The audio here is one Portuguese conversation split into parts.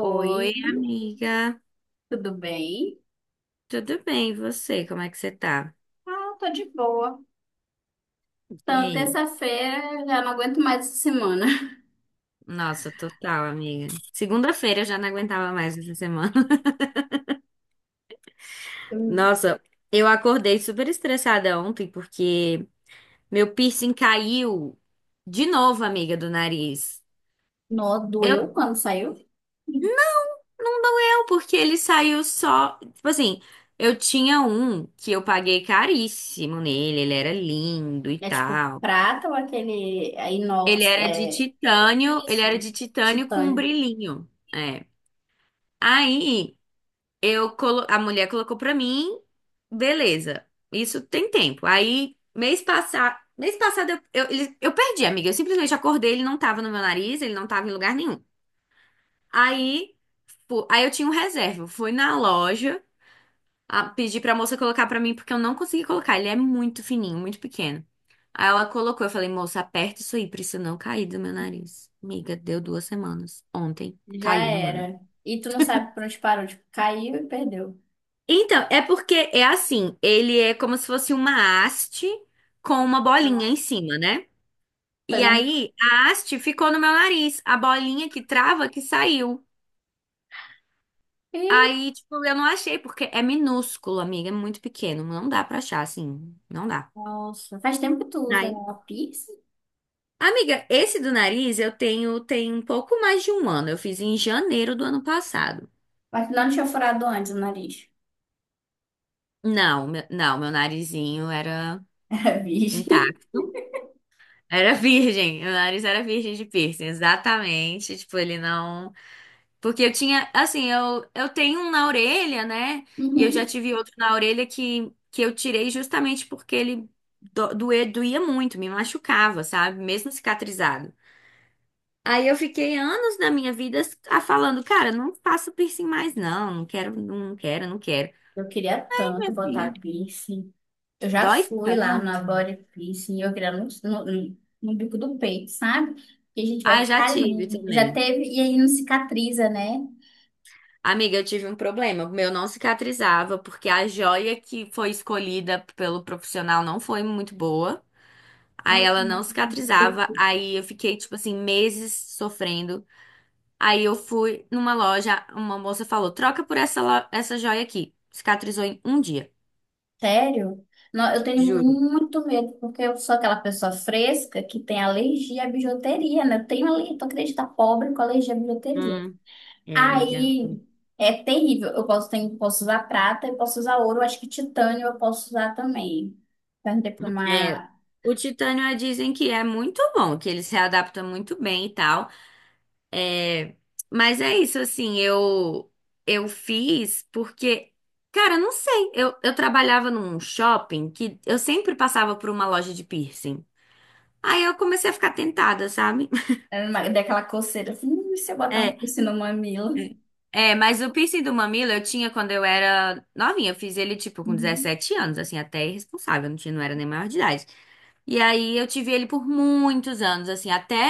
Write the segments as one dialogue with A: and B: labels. A: Oi, amiga.
B: tudo bem?
A: Tudo bem, e você? Como é que você tá?
B: Ah, tô de boa.
A: E
B: Então,
A: aí?
B: terça-feira já não aguento mais essa semana.
A: Nossa, total, amiga. Segunda-feira eu já não aguentava mais essa semana. Nossa, eu acordei super estressada ontem porque meu piercing caiu de novo, amiga, do nariz.
B: Nó
A: Eu
B: doeu quando saiu.
A: não doeu porque ele saiu só, tipo assim, eu tinha um que eu paguei caríssimo nele, ele era lindo e
B: É tipo
A: tal.
B: prata ou aquele é,
A: Ele
B: inox,
A: era de
B: é
A: titânio, ele
B: isso,
A: era de titânio com um
B: titânio.
A: brilhinho. É. Aí eu a mulher colocou pra mim, beleza. Isso tem tempo. Aí mês passado eu perdi, amiga. Eu simplesmente acordei, ele não tava no meu nariz, ele não tava em lugar nenhum. Aí, aí, eu tinha um reserva. Eu fui na loja, pedi pra moça colocar pra mim porque eu não consegui colocar. Ele é muito fininho, muito pequeno. Aí ela colocou, eu falei, moça, aperta isso aí pra isso não cair do meu nariz. Amiga, deu duas semanas. Ontem
B: Já
A: caiu do meu nariz.
B: era. E tu não sabe por onde parou, tipo, caiu e perdeu.
A: Então, é porque é assim, ele é como se fosse uma haste com uma bolinha
B: Ah,
A: em cima, né?
B: tô
A: E
B: imaginando.
A: aí, a haste ficou no meu nariz, a bolinha que trava que saiu.
B: Ih,
A: Aí, tipo, eu não achei, porque é minúsculo, amiga, é muito pequeno, não dá pra achar, assim, não dá.
B: nossa, faz tempo que tu usa
A: Aí,
B: a piercing?
A: amiga, esse do nariz eu tenho tem um pouco mais de um ano, eu fiz em janeiro do ano passado.
B: Mas não tinha furado antes o nariz.
A: Não, meu narizinho era
B: Era virgem.
A: intacto. Era virgem, meu nariz era virgem de piercing, exatamente. Tipo, ele não. Porque eu tinha, assim, eu tenho um na orelha, né? E eu já
B: Uhum.
A: tive outro na orelha que eu tirei justamente porque ele doía muito, me machucava, sabe? Mesmo cicatrizado. Aí eu fiquei anos da minha vida falando, cara, não faço piercing mais, não, não quero, não quero, não quero.
B: Eu queria
A: Ih,
B: tanto
A: minha filha,
B: botar piercing. Eu já
A: dói
B: fui lá na
A: tanto.
B: Body Piercing, e eu queria no bico do peito, sabe? Que a gente vai
A: Ah, já
B: ficar
A: tive
B: ali. Já
A: também.
B: teve, e aí não cicatriza, né?
A: Amiga, eu tive um problema. O meu não cicatrizava, porque a joia que foi escolhida pelo profissional não foi muito boa. Aí
B: Ai,
A: ela não
B: não.
A: cicatrizava. Aí eu fiquei, tipo assim, meses sofrendo. Aí eu fui numa loja, uma moça falou: troca por essa, essa joia aqui. Cicatrizou em um dia,
B: Sério? Não, eu tenho
A: juro.
B: muito medo, porque eu sou aquela pessoa fresca que tem alergia à bijuteria, né? Eu tenho ali, tu acredita, pobre com alergia à bijuteria.
A: Hum, é, amiga.
B: Aí é terrível. Eu posso, tenho, posso usar prata, eu posso usar ouro, eu acho que titânio eu posso usar também. Perguntei para
A: É,
B: uma.
A: o titânio dizem que é muito bom, que ele se adapta muito bem e tal. Mas é isso, assim, eu fiz porque, cara, não sei, eu trabalhava num shopping que eu sempre passava por uma loja de piercing. Aí eu comecei a ficar tentada, sabe?
B: Daquela coceira assim: e se eu botar um
A: É,
B: piercing no mamilo?"
A: é, mas o piercing do mamilo eu tinha quando eu era novinha, eu fiz ele tipo com
B: Uhum.
A: 17 anos, assim, até irresponsável, não tinha, não era nem maior de idade. E aí eu tive ele por muitos anos, assim, até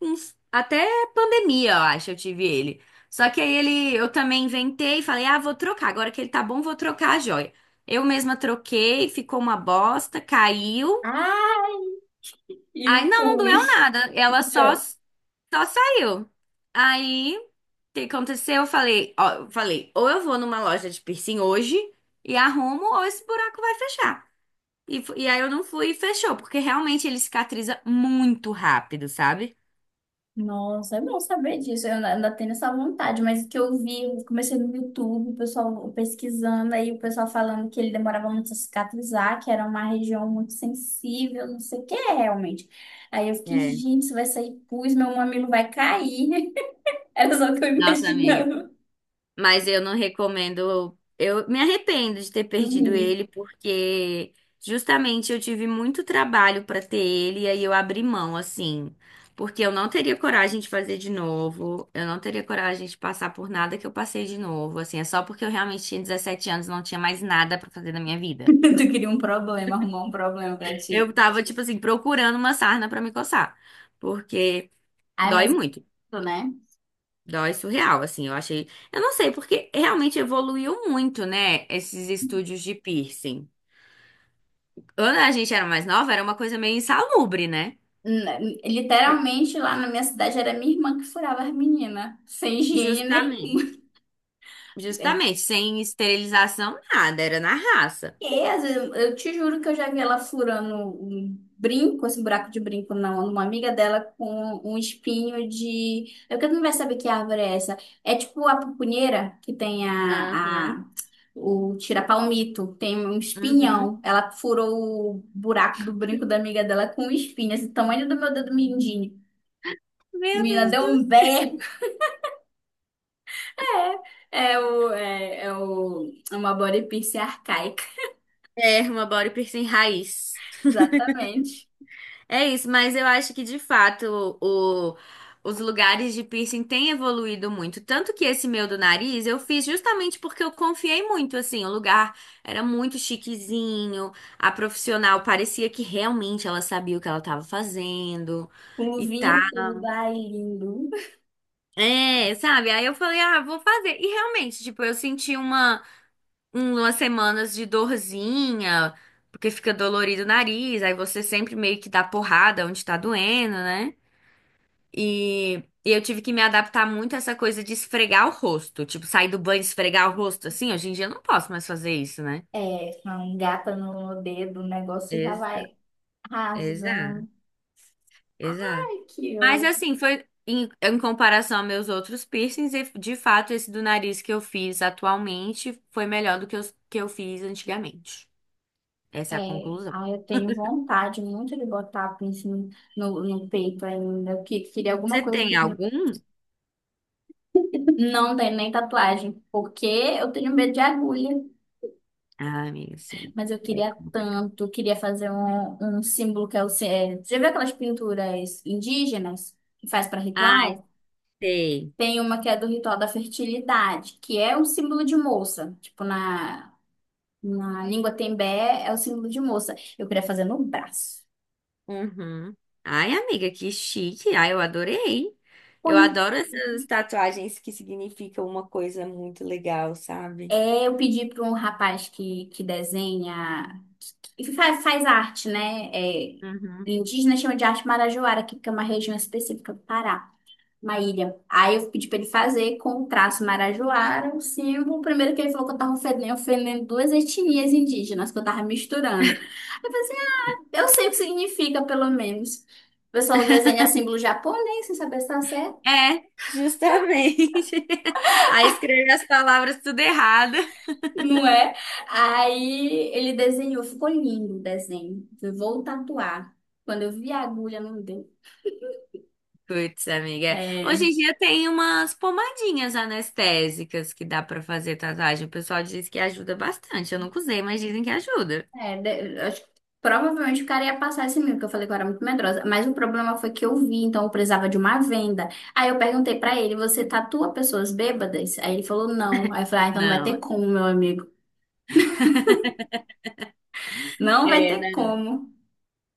A: até pandemia, eu acho, eu tive ele. Só que aí eu também inventei e falei: "Ah, vou trocar. Agora que ele tá bom, vou trocar a joia". Eu mesma troquei, ficou uma bosta, caiu.
B: Ah, e
A: Aí
B: o
A: não, não doeu
B: pus.
A: nada.
B: Não
A: Ela só
B: deu.
A: só saiu. Aí o que aconteceu? Eu falei, ó, eu falei, ou eu vou numa loja de piercing hoje e arrumo, ou esse buraco vai fechar. E aí eu não fui e fechou, porque realmente ele cicatriza muito rápido, sabe?
B: Nossa, é bom saber disso. Eu ainda tenho essa vontade, mas o que eu vi, eu comecei no YouTube, o pessoal pesquisando, aí o pessoal falando que ele demorava muito a cicatrizar, que era uma região muito sensível, não sei o que é realmente. Aí eu fiquei,
A: É.
B: gente, se vai sair pus, meu mamilo vai cair. Era só o que eu
A: Nossa, amiga.
B: imaginava.
A: Mas eu não recomendo. Eu me arrependo de ter perdido
B: Uhum.
A: ele, porque justamente eu tive muito trabalho pra ter ele, e aí eu abri mão, assim. Porque eu não teria coragem de fazer de novo, eu não teria coragem de passar por nada que eu passei de novo, assim. É só porque eu realmente tinha 17 anos, não tinha mais nada pra fazer na minha vida.
B: Tu queria um problema, arrumar um problema pra ti.
A: Eu tava, tipo assim, procurando uma sarna pra me coçar. Porque.
B: Ai,
A: Dói
B: mas é
A: muito.
B: isso, né?
A: Dói surreal, assim. Eu achei. Eu não sei, porque realmente evoluiu muito, né? Esses estúdios de piercing. Quando a gente era mais nova, era uma coisa meio insalubre, né? Bem,
B: Literalmente lá na minha cidade era minha irmã que furava as meninas, sem higiene nem.
A: justamente.
B: É.
A: Justamente. Sem esterilização, nada. Era na raça.
B: E, às vezes, eu te juro que eu já vi ela furando um brinco, esse buraco de brinco na numa amiga dela com um espinho de. Eu que não vai saber que árvore é essa. É tipo a pupunheira que tem a,
A: Aham.
B: a o tira-palmito, tem um
A: Uhum.
B: espinhão. Ela furou o buraco do brinco da amiga dela com um espinho, esse tamanho do meu dedo mindinho.
A: Meu
B: Menina,
A: Deus
B: deu
A: do
B: um
A: céu.
B: berro. É, é o, é é o, é uma body piercing arcaica.
A: É, uma body piercing raiz.
B: Exatamente.
A: É isso, mas eu acho que de fato o- os lugares de piercing têm evoluído muito. Tanto que esse meu do nariz eu fiz justamente porque eu confiei muito, assim. O lugar era muito chiquezinho, a profissional parecia que realmente ela sabia o que ela estava fazendo
B: Com
A: e
B: luvinha
A: tá.
B: e tudo. Ai, lindo.
A: É, sabe? Aí eu falei, ah, vou fazer. E realmente, tipo, eu senti uma, umas semanas de dorzinha, porque fica dolorido o nariz, aí você sempre meio que dá porrada onde tá doendo, né? E, e eu tive que me adaptar muito a essa coisa de esfregar o rosto. Tipo, sair do banho e esfregar o rosto assim. Hoje em dia eu não posso mais fazer isso, né?
B: É, com gata no dedo, o negócio já
A: Ex-
B: vai rasgando.
A: Exato, exato.
B: Ai, que
A: Mas
B: eu...
A: assim, foi em comparação a meus outros piercings, e de fato, esse do nariz que eu fiz atualmente foi melhor do que os que eu fiz antigamente. Essa é a
B: É,
A: conclusão.
B: ai, eu tenho vontade muito de botar piercing no peito ainda. Queria alguma
A: Você
B: coisa
A: tem
B: que
A: algum?
B: não tem nem tatuagem, porque eu tenho medo de agulha.
A: Ah, amiga, sim.
B: Mas eu
A: É
B: queria
A: complicado.
B: tanto, queria fazer um símbolo que é o. É, já viu aquelas pinturas indígenas que faz para
A: Ai,
B: ritual?
A: sei.
B: Tem uma que é do ritual da fertilidade, que é um símbolo de moça. Na língua tembé é o símbolo de moça. Eu queria fazer no braço.
A: Uhum. Ai, amiga, que chique. Ai, eu adorei. Eu
B: Pois
A: adoro essas tatuagens que significam uma coisa muito legal, sabe?
B: é, eu pedi para um rapaz que desenha, que faz, faz arte, né? É,
A: Uhum.
B: indígena chama de arte marajoara, que é uma região específica do Pará. Uma ilha. Aí eu pedi pra ele fazer com o traço marajoara, um símbolo. Primeiro que ele falou que eu tava ofendendo, ofendendo duas etnias indígenas, que eu tava misturando. Aí eu falei assim: "Ah, eu sei o que significa, pelo menos. O pessoal desenha símbolo japonês, sem saber se tá certo."
A: É, justamente. Aí escreve as palavras tudo errado.
B: Não é? Aí ele desenhou, ficou lindo o desenho. Eu vou tatuar. Quando eu vi a agulha, não deu.
A: Putz, amiga.
B: É,
A: Hoje em dia tem umas pomadinhas anestésicas que dá pra fazer tatuagem. O pessoal diz que ajuda bastante. Eu nunca usei, mas dizem que ajuda.
B: é, acho que provavelmente o cara ia passar esse medo, que eu falei que eu era muito medrosa. Mas o problema foi que eu vi, então eu precisava de uma venda. Aí eu perguntei pra ele: você tatua pessoas bêbadas? Aí ele falou: não. Aí eu falei: ah, então não vai ter
A: Não.
B: como, meu amigo. Não vai
A: É,
B: ter
A: não.
B: como.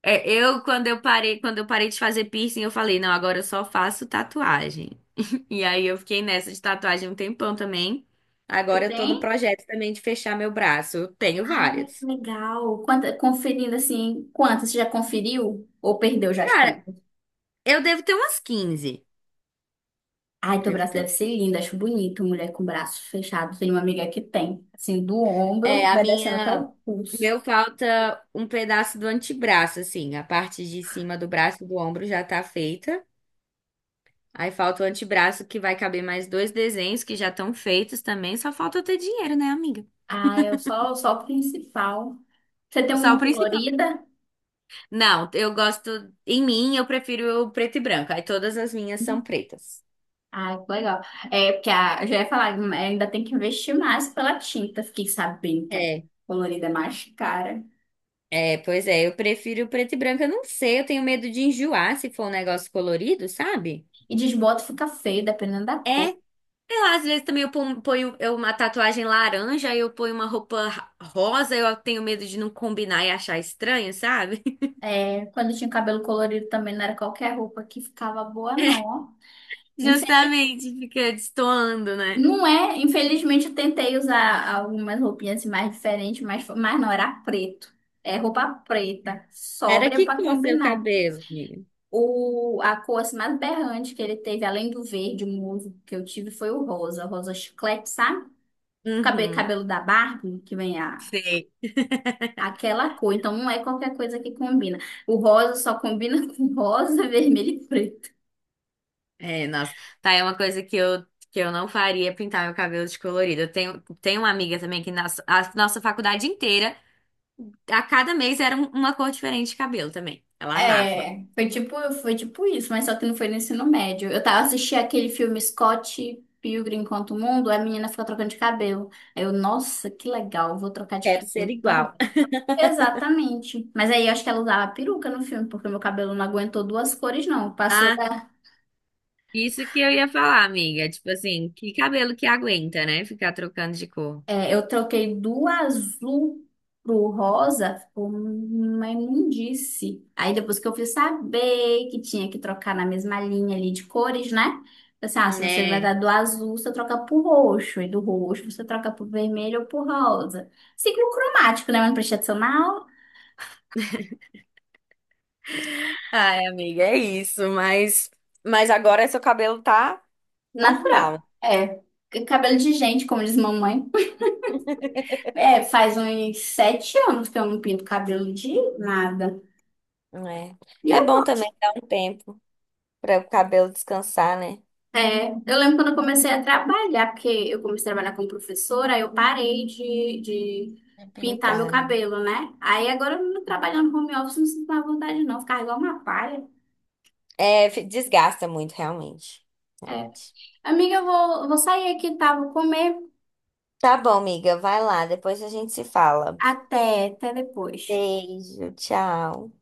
A: É, eu quando eu parei de fazer piercing, eu falei, não, agora eu só faço tatuagem. E aí eu fiquei nessa de tatuagem um tempão também.
B: Você
A: Agora eu tô no
B: tem?
A: projeto também de fechar meu braço. Eu tenho
B: Ah, que
A: várias.
B: legal. Quanta, conferindo assim, quantas? Você já conferiu? Ou perdeu já as
A: Cara,
B: contas?
A: eu devo ter umas 15.
B: Ai, teu
A: Devo
B: braço
A: ter.
B: deve
A: um,
B: ser lindo, acho bonito, mulher com braço fechado. Tem uma amiga que tem, assim, do
A: É,
B: ombro,
A: a
B: vai descendo até
A: minha.
B: o
A: O
B: pulso.
A: Meu falta um pedaço do antebraço, assim. A parte de cima do braço e do ombro já tá feita. Aí falta o antebraço que vai caber mais dois desenhos que já estão feitos também. Só falta eu ter dinheiro, né, amiga?
B: Ah, eu só, só o principal. Você tem
A: Só
B: uma
A: o principal.
B: colorida?
A: Não, eu gosto. Em mim, eu prefiro o preto e branco. Aí todas as minhas são pretas.
B: Ah, que legal. É, porque a, eu já ia falar, né, ainda tem que investir mais pela tinta. Fiquei sabendo que a
A: É,
B: colorida é mais cara.
A: é, pois é, eu prefiro o preto e branco. Eu não sei, eu tenho medo de enjoar se for um negócio colorido, sabe?
B: E desbota, fica feio, dependendo da cor.
A: É, sei lá, às vezes também eu ponho eu, uma tatuagem laranja, aí eu ponho uma roupa rosa, eu tenho medo de não combinar e achar estranho, sabe?
B: É, quando eu tinha cabelo colorido também não era qualquer roupa que ficava boa, não. Ó. Infel-
A: Justamente, fica destoando, né?
B: Não é, infelizmente eu tentei usar algumas roupinhas assim, mais diferentes, mas não, era preto. É roupa preta,
A: Era
B: sóbria
A: que
B: pra
A: cor seu
B: combinar.
A: cabelo, amiga?
B: A cor assim, mais berrante que ele teve, além do verde, o musgo que eu tive, foi o rosa, rosa chiclete, sabe? O cabelo,
A: Uhum.
B: cabelo da Barbie, que vem a,
A: Sei.
B: aquela cor. Então não é qualquer coisa que combina. O rosa só combina com rosa, vermelho e preto.
A: É, nossa, tá, é uma coisa que eu não faria pintar meu cabelo de colorido. Eu tenho uma amiga também que na a nossa faculdade inteira, a cada mês era uma cor diferente de cabelo também. Ela amava.
B: É, foi tipo, Foi tipo isso, mas só que não foi no ensino médio. Eu tava assistindo aquele filme Scott Pilgrim contra o Mundo, a menina ficou trocando de cabelo. Aí eu, nossa, que legal, eu vou trocar de
A: Quero ser
B: cabelo.
A: igual.
B: Exatamente. Mas aí eu acho que ela usava peruca no filme, porque meu cabelo não aguentou duas cores, não. Passou
A: Ah,
B: da.
A: isso que eu ia falar, amiga. Tipo assim, que cabelo que aguenta, né? Ficar trocando de cor.
B: É, eu troquei do azul pro rosa, ficou uma imundice. Aí depois que eu fui saber que tinha que trocar na mesma linha ali de cores, né? Falei assim: ah, se você vai
A: Né?
B: dar do azul, você troca pro roxo, e do roxo você troca pro vermelho ou pro rosa. Ciclo cromático, né? Uma prestação
A: Ai, amiga, é isso, mas agora seu cabelo tá
B: natural.
A: normal,
B: É. Cabelo de gente, como diz mamãe. É, faz uns 7 anos que eu não pinto cabelo de nada.
A: né?
B: E
A: É
B: eu
A: bom
B: gosto.
A: também dar um tempo para o cabelo descansar, né?
B: É, eu lembro quando eu comecei a trabalhar, porque eu comecei a trabalhar como professora, aí eu parei de
A: Pra
B: pintar meu
A: pintar, né?
B: cabelo, né? Aí agora eu trabalhando no home office, não sinto mais vontade não, ficar igual uma palha.
A: É, desgasta muito, realmente.
B: É.
A: Realmente.
B: Amiga, eu vou sair aqui, tá? Vou comer.
A: Tá bom, amiga, vai lá, depois a gente se fala.
B: Até, até depois.
A: Beijo, tchau.